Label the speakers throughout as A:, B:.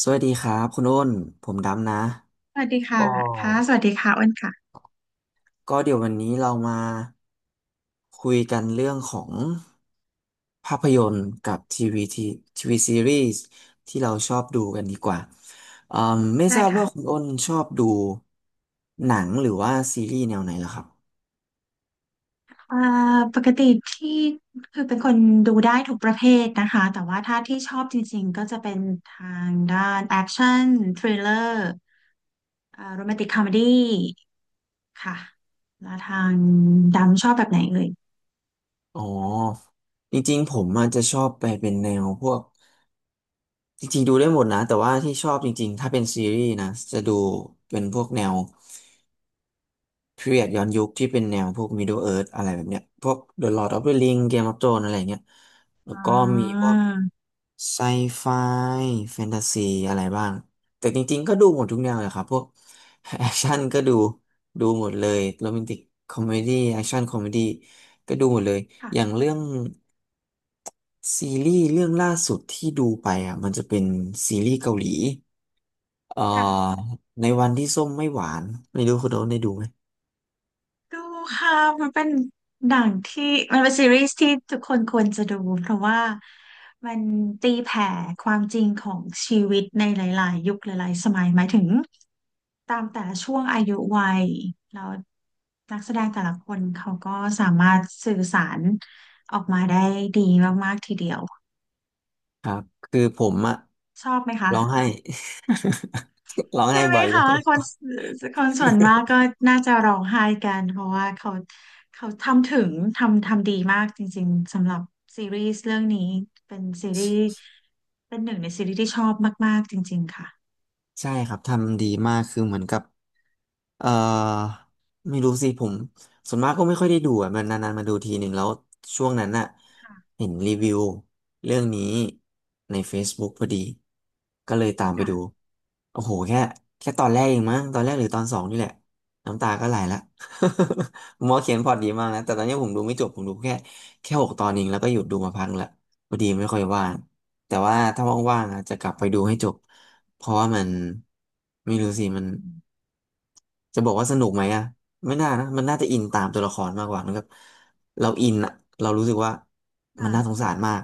A: สวัสดีครับคุณอ้นผมดำนะ
B: สวัสดีค่ะ
A: ก็
B: ค่ะสวัสดีค่ะอ้นค่ะ
A: ก็เดี๋ยววันนี้เรามาคุยกันเรื่องของภาพยนตร์กับทีวีซีรีส์ที่เราชอบดูกันดีกว่าไม่ท
B: ได้
A: ราบ
B: ค่ะ
A: ว่าคุณอ้นชอบดูหนังหรือว่าซีรีส์แนวไหนล่ะครับ
B: เอ่อปกติที่คือเป็นคนดูได้ทุกประเภทนะคะ แต่ว่าถ้าที่ชอบจริงๆก็จะเป็นทางด้านแอคชั่นทริลเลอร์โรแมนติกคอมเมดี้ค่ะ แล้วทางดำชอบแบบไหนเอ่ย
A: อ๋อจริงๆผมอาจจะชอบไปเป็นแนวพวกจริงๆดูได้หมดนะแต่ว่าที่ชอบจริงๆถ้าเป็นซีรีส์นะจะดูเป็นพวกแนว พีเรียดย้อนยุคที่เป็นแนวพวก Middle Earth อะไรแบบเนี้ยพวก The Lord of the Ring Game of Thrones อะไรเงี้ยแล้ว
B: อ่
A: ก็มีพ
B: า
A: วกไซไฟแฟนตาซีอะไรบ้างแต่จริงๆก็ดูหมดทุกแนวเลยครับพวกแอคชั่นก็ดูหมดเลยโรแมนติกคอมเมดี้แอคชั่นคอมเมดี้ก็ดูหมดเลยอย่าง
B: ค่ะ
A: เรื่องซีรีส์เรื่องล่าสุดที่ดูไปอ่ะมันจะเป็นซีรีส์เกาหลีเอ่
B: ค่ะ
A: อในวันที่ส้มไม่หวานไม่รู้คุณโดนได้ดูไหม
B: ดูค่ะ มันเป็นหนังที่มันเป็นซีรีส์ที่ทุกคนควรจะดูเพราะว่ามันตีแผ่ความจริงของชีวิตในหลายๆ ยุคหลายๆ สมัยหมายถึงตามแต่ละช่วงอายุวัยแล้วนักแสดงแต่ละคนเขาก็สามารถสื่อสารออกมาได้ดีมากๆ ทีเดียว
A: ครับคือผมอะ
B: ชอบไหมคะ
A: ร้องไห้ ร้องไห้
B: ใช่ไหม
A: บ่อยอยู่
B: คะคนส่วนมากก็น่าจะร้องไห้กันเพราะว่าเขาทำถึงทำดีมากจริงๆสำหรับซีรีส์เรื่องนี้เป็นซีรีส์เป็นหนึ่งในซีรีส์ที่ชอบมากๆจริงๆค่ะ
A: ใช่ครับทำดีมากคือเหมือนกับ เอ่อไม่รู้สิผมส่วนมากก็ไม่ค่อยได้ดูอ่ะมันนานๆมาดูทีหนึ่งแล้วช่วงนั้นน่ะ
B: ค่ะ
A: เห็นรีวิวเรื่องนี้ใน Facebook พอดีก็เลยตามไปดู
B: ค่ะ
A: โอ้โหแค่ตอนแรกเองมั้งตอนแรกหรือตอนสองนี่แหละน้ำตาก็ไหลละ หมอเขียนพล็อตดีมากนะแต่ตอนนี้ผมดูไม่จบผมดูแค่หกตอนเองแล้วก็หยุดดูมาพักละพอดีไม่ค่อยว่างแต่ว่าถ้าว่างๆอ่ะจะกลับไปดูให้จบ เพราะว่ามันไม่รู้สิมันจะบอกว่าสนุกไหมอะไม่น่านะมันน่าจะอินตามตัวละครมากกว่ามันก็เราอินอะเรารู้สึกว่ามัน
B: ค่ะ
A: น่าสงสารมาก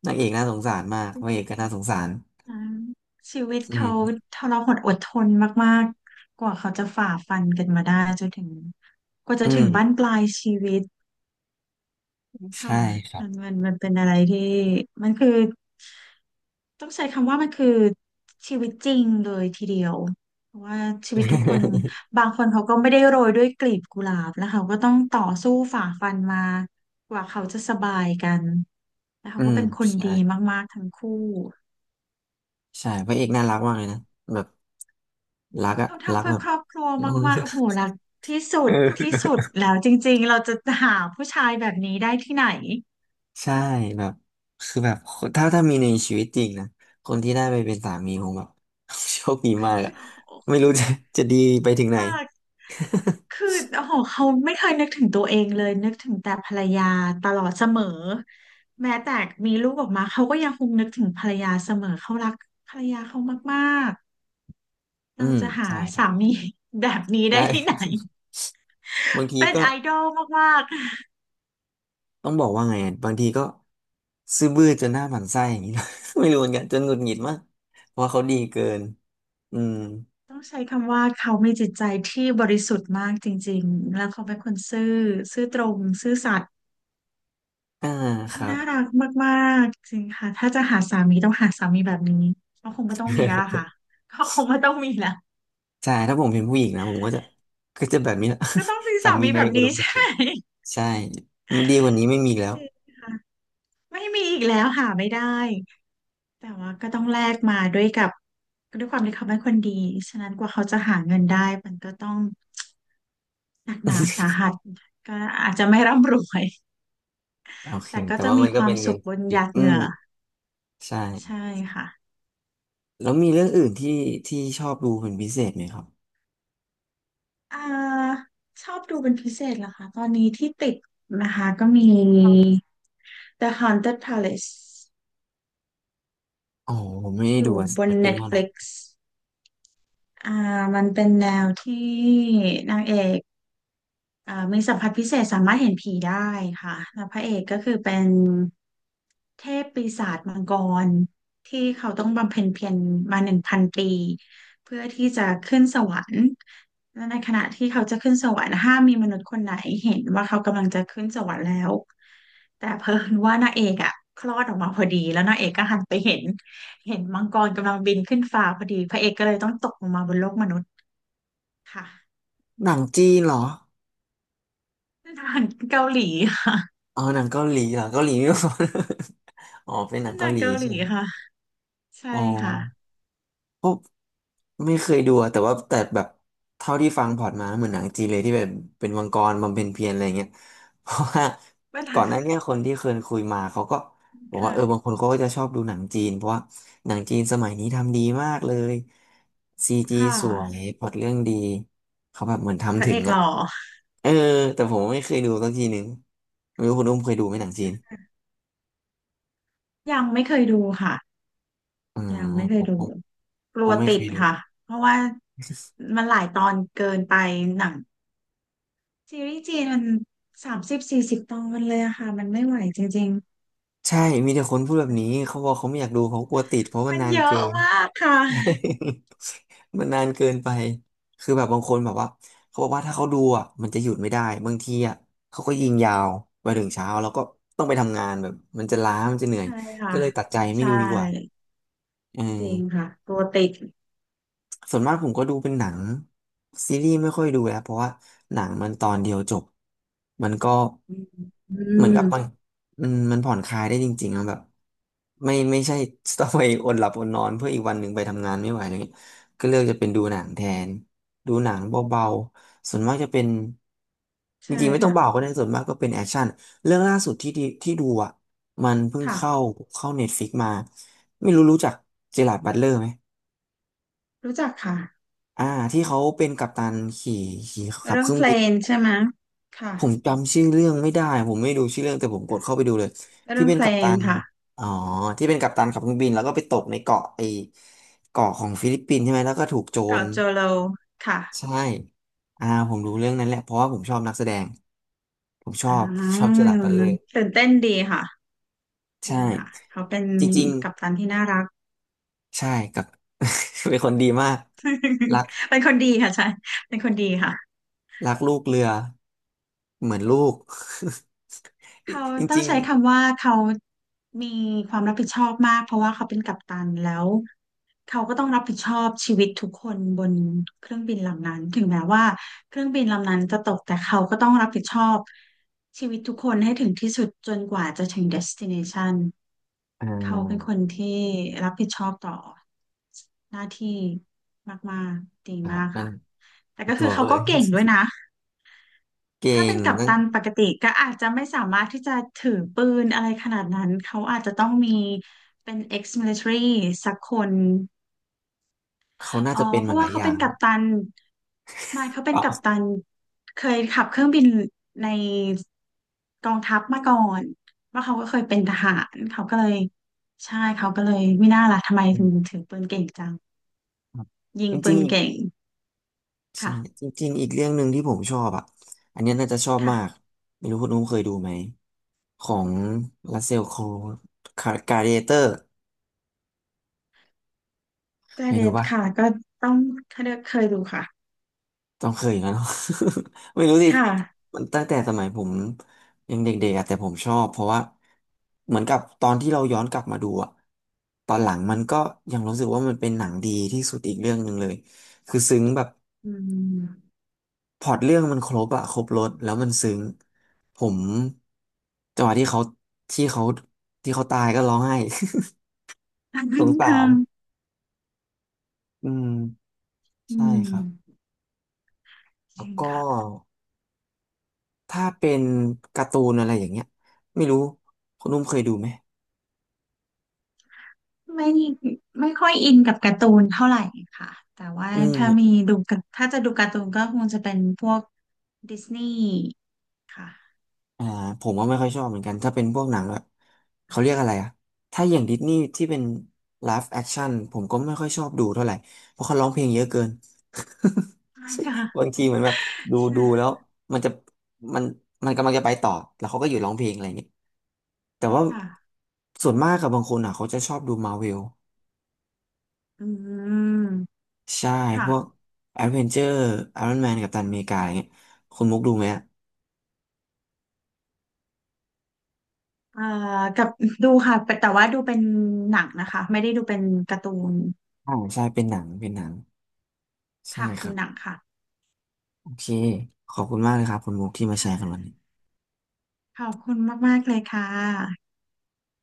A: นางเอกน่าสงสารมาก
B: จริ
A: พระเอ
B: ง
A: กก็น่าสงสาร
B: ๆนะชีวิต
A: อื
B: เขา
A: ม
B: ทรหดอดทนมากๆกว่าเขาจะฝ่าฟันกันมาได้จนถึงกว่าจะ
A: อื
B: ถึงบั้น
A: ม
B: ปลายชีวิต ค่ะ
A: ใช่ครั
B: มัน
A: บ
B: มันมันเป็นอะไรที่มันคือต้องใช้คำว่ามันคือชีวิตจริงเลยทีเดียวเพราะว่าชีวิตทุกคนบางคนเขาก็ไม่ได้โรยด้วยกลีบกุหลาบแล้วเขาก็ต้องต่อสู้ฝ่าฟันมากว่าเขาจะสบายกันแล้วเขา
A: อื
B: ก็
A: ม
B: เป็นคน
A: ใช่
B: ดีมากๆทั้งคู่
A: ใช่พระเอกน่ารักมากเลยนะแบบรักอะ
B: เขา
A: รั
B: ทำ
A: ก
B: เพื่
A: แบ
B: อ
A: บ
B: ครอบครัว มากๆโอ้โหรักที่สุ
A: เ
B: ดที่
A: ออ
B: สุดแล้วจริงๆเราจะหาผู้ชายแบบนี้ได้ที่ไหน
A: ใช่แบบคือแบบถ้ามีในชีวิตจริงนะคนที่ได้ไปเป็นสามีผมแบบ โชคดี
B: คอ
A: มาก
B: จะ
A: อะ
B: โอ้
A: ไม่รู้จะ จะดี ไปถึงไหน
B: ค่ะ คือ โอ้โหเขาไม่เคยนึกถึงตัวเองเลยนึกถึงแต่ภรรยาตลอดเสมอแม้แต่มีลูกออกมาเขาก็ยังคงนึกถึงภรรยาเสมอเขารักภรรยาเขามากๆ
A: อื
B: เรา
A: ม
B: จะหา
A: ใช่ครั
B: สา
A: บ
B: มี แบบนี้ได้
A: ได้
B: ที่ไหน
A: บางที
B: เป็น
A: ก็
B: ไอดอลมากๆ
A: ต้องบอกว่าไงอะบางทีก็ซื่อบื้อจนหน้าหมั่นไส้อย่างนี้นะ ไม่รู้เหมือนกันจนหงุดหงิดมากเพราะว่าเขาดีเกินอืม
B: ต้องใช้คำว่าเขามีจิตใจที่บริสุทธิ์มากจริงๆแล้วเขาเป็นคนซื่อซื่อตรงซื่อสัตย์
A: อ่าค
B: เขา
A: รับ
B: น่ารักมากๆจริงค่ะถ้าจะหาสามีต้องหาสามีแบบนี้ก็คงไม่ต้องมีแล้วล่ะค่ะ ก็คงไม่ต้องมีแล้ว
A: ใช่ถ้าผมเป็นผู้หญิงนะผมก็จะก็จะแบบนี้แหละ
B: ก็ต้องมี
A: สา
B: สา
A: มี
B: มี
A: ใน
B: แบบ
A: อุด
B: นี้
A: มคติ
B: ใช่
A: ใช่มันดีกว่านี้ไม่มีแล้
B: จ
A: ว
B: ริงค่ะไม่มีอีกแล้วหาไม่ได้แต่ว่าก็ต้องแลกมาด้วยกับด้วยความที่เขาเป็นคนดีฉะนั้นกว่าเขาจะหาเงินได้มันก็ต้องหนักหนาสาหัสก็อาจจะไม่ร่ำรวย
A: โอเค
B: แต่ก็
A: แต่
B: จะ
A: ว่า
B: มี
A: มัน
B: ค
A: ก็
B: วา
A: เป็
B: ม
A: นเงิ
B: สุ
A: น
B: ขบนห
A: ปิด
B: ยาด
A: อื
B: เห
A: ม
B: งื่อ
A: ใช่
B: ใช่ค่ะ
A: แล้วมีเรื่องอื่นที่ชอบดูเป็นพิเศษไหมครับ
B: อ่าชอบดูเป็นพิเศษเหรอคะตอนนี้ที่ติดนะคะก็มี The Haunted Palace
A: อ๋อผมไม่ได้
B: อ
A: ดู
B: ยู่
A: อะ
B: บน
A: มันเป็นแนวไหน
B: Netflix อ่ามันเป็นแนวที่นางเอกมีสัมผัสพิเศษสามารถเห็นผีได้ค่ะแล้วพระเอกก็คือเป็นเทพปีศาจมังกรที่เขาต้องบำเพ็ญเพียรมา1,000 ปีเพื่อที่จะขึ้นสวรรค์และในขณะที่เขาจะขึ้นสวรรค์ห้ามมีมนุษย์คนไหนเห็นว่าเขากำลังจะขึ้นสวรรค์แล้วแต่เพอ่นว่านางเอกอ่ะคลอดออกมาพอดีแล้วนางเอกก็หันไปเห็นเห็นมังกรกำลังบินขึ้นฟ้าพอดีพระเอกก็เลยต้องตกลงมาบนโลกมนุษย์ ค่ะ
A: หนังจีนเหรอ
B: เป็นอาหารเกาหลี
A: อ๋อหนังเกาหลีเหรอเกาหลีไม่พอ อ๋อเป็นหนั
B: เป็
A: ง
B: นอาห
A: เกา
B: นัง
A: หลี
B: เกาหลี
A: ใช่ไหม
B: ค่ะใช่
A: อ๋อ
B: ค่ะ
A: ก็ไม่เคยดูอะแต่ว่าแต่แบบเท่าที่ฟังพล็อร์ตมาเหมือนหนังจีนเลยที่แบบเป็นวังกรบำเพ็ญเพียรอะไรเงี้ย เพราะว่า
B: เป็น
A: ก่
B: อา
A: อนหน้า
B: ห
A: เนี้ยคนที่เคยคุยมาเขาก็
B: าร
A: บอกว่า
B: ค่ะ
A: เออบางคนเขาก็จะชอบดูหนังจีนเพราะว่าหนังจีนสมัยนี้ทำดีมากเลยซีจี
B: ค่
A: สวย
B: ะ
A: พล็อตเรื่องดีเขาแบบเหมือน
B: พ
A: ทำ
B: ระ
A: ถึ
B: เอ
A: ง
B: กห
A: อ่ะ
B: ล่อ
A: เออแต่ผมไม่เคยดูสักทีหนึ่งไม่รู้คุณอุ้มเคยดูไหมหนังจีน
B: ยังไม่เคยดูค่ะ
A: อืม
B: ยังไม่เค
A: ผ
B: ย
A: ม
B: ดูกลั
A: ก็
B: ว
A: ไม่
B: ติ
A: เค
B: ด
A: ยดู
B: ค่ะเพราะว่ามันหลายตอนเกินไปหนังซีรีส์จีนมัน30-40 ตอนเลยอะค่ะมันไม่ไหวจริง
A: ใช่ มีแต่คนพูดแบ
B: ๆ
A: บนี้
B: แต่
A: เขาบอกเขาไม่อยากดูเขากลัวติดเพราะมั
B: มั
A: น
B: น
A: นาน
B: เย
A: เกิ
B: อะ
A: น
B: มากค่ะ
A: มันนานเกินไป คือแบบบางคนแบบว่าเขาบอกว่าถ้าเขาดูอ่ะมันจะหยุดไม่ได้บางทีอ่ะเขาก็ยิงยาวไปถึงเช้าแล้วก็ต้องไปทำงานแบบมันจะล้ามันจะเหนื่อย
B: ใช่ค่ะ
A: ก็เลยตัดใจไม่
B: ใช่
A: ดูดีกว่าอืม
B: จริงค่ะกลัวติด
A: ส่วนมากผมก็ดูเป็นหนังซีรีส์ไม่ค่อยดูแล้วเพราะว่าหนังมันตอนเดียวจบมันก็
B: อืมอื
A: เหมือนกับมัน
B: ม
A: มันมันผ่อนคลายได้จริงๆอะแบบไม่ใช่ต้องไปอดหลับอดนอนเพื่ออีกวันหนึ่งไปทำงานไม่ไหวอะไรเงี้ยก็เลือกจะเป็นดูหนังแทนดูหนังเบาๆส่วนมากจะเป็นจ
B: ใช่
A: ริงๆไม่ต้องเบาก็
B: ค่ะ
A: ได้ส่วนมากก็เป็นแอคชั่นเรื่องล่าสุดที่ดีที่ดูอ่ะมันเพิ่ง
B: ค่ะ
A: เข้าเน็ตฟ i ิกมาไม่รู้รู้จักเจอราร์ดบัตเลอร์ไหม
B: รู้จักค่ะ
A: อ่าที่เขาเป็นกัปตันขี่ขับ
B: เรื่อ
A: เค
B: ง
A: รื่อ
B: เพ
A: ง
B: ล
A: บิน
B: นใช่ไหม ค่ะ
A: ผมจำชื่อเรื่องไม่ได้ผมไม่ดูชื่อเรื่องแต่ผมกดเข้าไปดูเลยที่
B: เรื่อง
A: เป็น
B: เพล
A: กัปตั
B: น
A: น
B: ค่ะ
A: อ๋อที่เป็นกัปตันขับเครื่องบินแล้วก็ไปตกในเกาะไอเกาะของฟิลิปปินส์ใช่ไหมแล้วก็ถูกโจร
B: เกาะโจโล ค่ะ
A: ใช่อ่าผมรู้เรื่องนั้นแหละเพราะว่าผมชอบนักแสดงผมชอ
B: อ่
A: บผมชอบเจอ
B: า
A: ร์ราร์ดบัตเลอร์
B: ตื่นเต้นดีค่ะ
A: ใช่
B: ดีค่ะ เขาเป็น
A: จริง
B: กัปตันที่น่ารัก
A: ๆใช่กับ เป็นคนดีมากรัก
B: เป็นคนดีค่ะใช่ เป็นคนดีค่ะ
A: รักลูกเรือเหมือนลูก
B: เขา
A: จ
B: ต้อง
A: ริง
B: ใช้คำว่าเขามีความรับผิดชอบมากเพราะว่าเขาเป็นกัปตันแล้วเขาก็ต้องรับผิดชอบชีวิตทุกคนบนเครื่องบินลำนั้นถึงแม้ว่าเครื่องบินลำนั้นจะตกแต่เขาก็ต้องรับผิดชอบชีวิตทุกคนให้ถึงที่สุดจนกว่าจะถึง destination
A: ๆอ่า
B: เขาเป็นคนที่รับผิดชอบต่อหน้าที่มากๆดี
A: ครั
B: มา
A: บ
B: ก
A: นั่
B: ค่ะ
A: น
B: แต่
A: คื
B: ก็
A: อตั
B: คือ
A: ว
B: เขา
A: เขาเล
B: ก็
A: ย
B: เก่งด้วยนะ
A: เก่
B: ถ้าเป็
A: ง
B: นกัป
A: นะ
B: ตันปกติก็อาจจะไม่สามารถที่จะถือปืนอะไรขนาดนั้นเขาอาจจะต้องมีเป็น ex-military สักคน
A: เขาน่า
B: อ๋อ
A: จะเป็น
B: เพ
A: มา
B: ราะ
A: หลา
B: ว่า
A: ยอ
B: เขา
A: ย่า
B: เป็น
A: ง
B: กั
A: ครั
B: ปตั
A: บ
B: นไม่เขาเป็
A: อ๋
B: นกัป
A: อ
B: ตันเคยขับเครื่องบินในกองทัพมาก่อนว่าเขาก็เคยเป็นทหารเขาก็เลยใช่เขาก็เลยไม่น่าล่ะทำไม
A: อื
B: ถึง
A: ม
B: ถือปืนเก่งจัง
A: ครับ
B: ยิง
A: จ
B: ปื
A: ริง
B: น
A: ๆอีก
B: เก่ง
A: ใช่
B: ค่ะ
A: จริงๆอีกเรื่องหนึ่งที่ผมชอบอ่ะอันเนี้ยน่าจะชอบ
B: ค่ะ
A: มากไม่รู้คุณนุ้มเคยดูไหมของรัสเซลโครว์คาร์เดเตอร์
B: แต่
A: เคย
B: เด็
A: ดู
B: ด
A: ป่ะ
B: ค่ะก็ต้องเคยดูค่ะ
A: ต้องเคยอย่างนั้นหรอ ไม่รู้สิ
B: ค่ะ
A: มันตั้งแต่สมัยผมยังเด็กๆอะแต่ผมชอบเพราะว่าเหมือนกับตอนที่เราย้อนกลับมาดูอะตอนหลังมันก็ยังรู้สึกว่ามันเป็นหนังดีที่สุดอีกเรื่องหนึ่งเลยคือซึ้งแบบ
B: อืม
A: พล็อตเรื่องมันครบอะครบรสแล้วมันซึ้งผมจังหวะที่เขาที่เขาตายก็ร้องไห้
B: ทาน
A: ส
B: ค่อ
A: ง
B: น
A: สา
B: ข้า
A: ร
B: ง
A: อืม
B: อื
A: ใช่ครับ
B: มจ
A: แล้
B: ริ
A: ว
B: ง
A: ก็
B: ค่ะ
A: ถ้าเป็นการ์ตูนอะไรอย่างเงี้ยไม่รู้คุณนุ่มเคยดูไหม
B: ไม่ไม่ค่อยอินกับการ์ตูนเท่าไหร่ค่ะแต่ว่า
A: อืม
B: ถ้ามีดูกับถ้าจะดูการ์ตูนก็คงจะเป็นพวกดิสนีย์ค่ะ
A: อ่าผมก็ไม่ค่อยชอบเหมือนกันถ้าเป็นพวกหนังแบบเขาเรียกอะไรอะถ้าอย่างดิสนีย์ที่เป็นไล i v e อคช i ่ n ผมก็ไม่ค่อยชอบดูเท่าไหร่เพราะเขาร้องเพลงเยอะเกิน
B: ใช่
A: บาง
B: ค่ะ
A: ทีเหมือนแบบดูแล้วมันจะมันมันกำลังจะไปต่อแล้วเขาก็อยู่ร้องเพลงอะไรอย่างเงี้ยแต่ว่า
B: ค่ะ
A: ส่วนมากกับบางคนอ่ะเขาจะชอบดูมา r v เวล
B: อืม
A: ใช่พ
B: ค่ะ
A: วกแอดเวนเจอร์ไอรอนแมนกัปตันอเมริกาอะไรเงี้ยคุณมุกดูไหมอ่ะ
B: เอ่อกับดูค่ะแต่ว่าดูเป็นหนังนะคะไม่ได้ดูเป็นการ์ตูน
A: อ่าใช่เป็นหนังเป็นหนัง ใช่
B: ค่ะ
A: ค
B: ดู
A: รั
B: หนั
A: บ
B: งค่ะ
A: โอเคขอบคุณมากเลยครับคุณมุกที่มาแชร์กันวัน
B: ค่ะ
A: นี้
B: ขอบคุณมากๆเลยค่ะ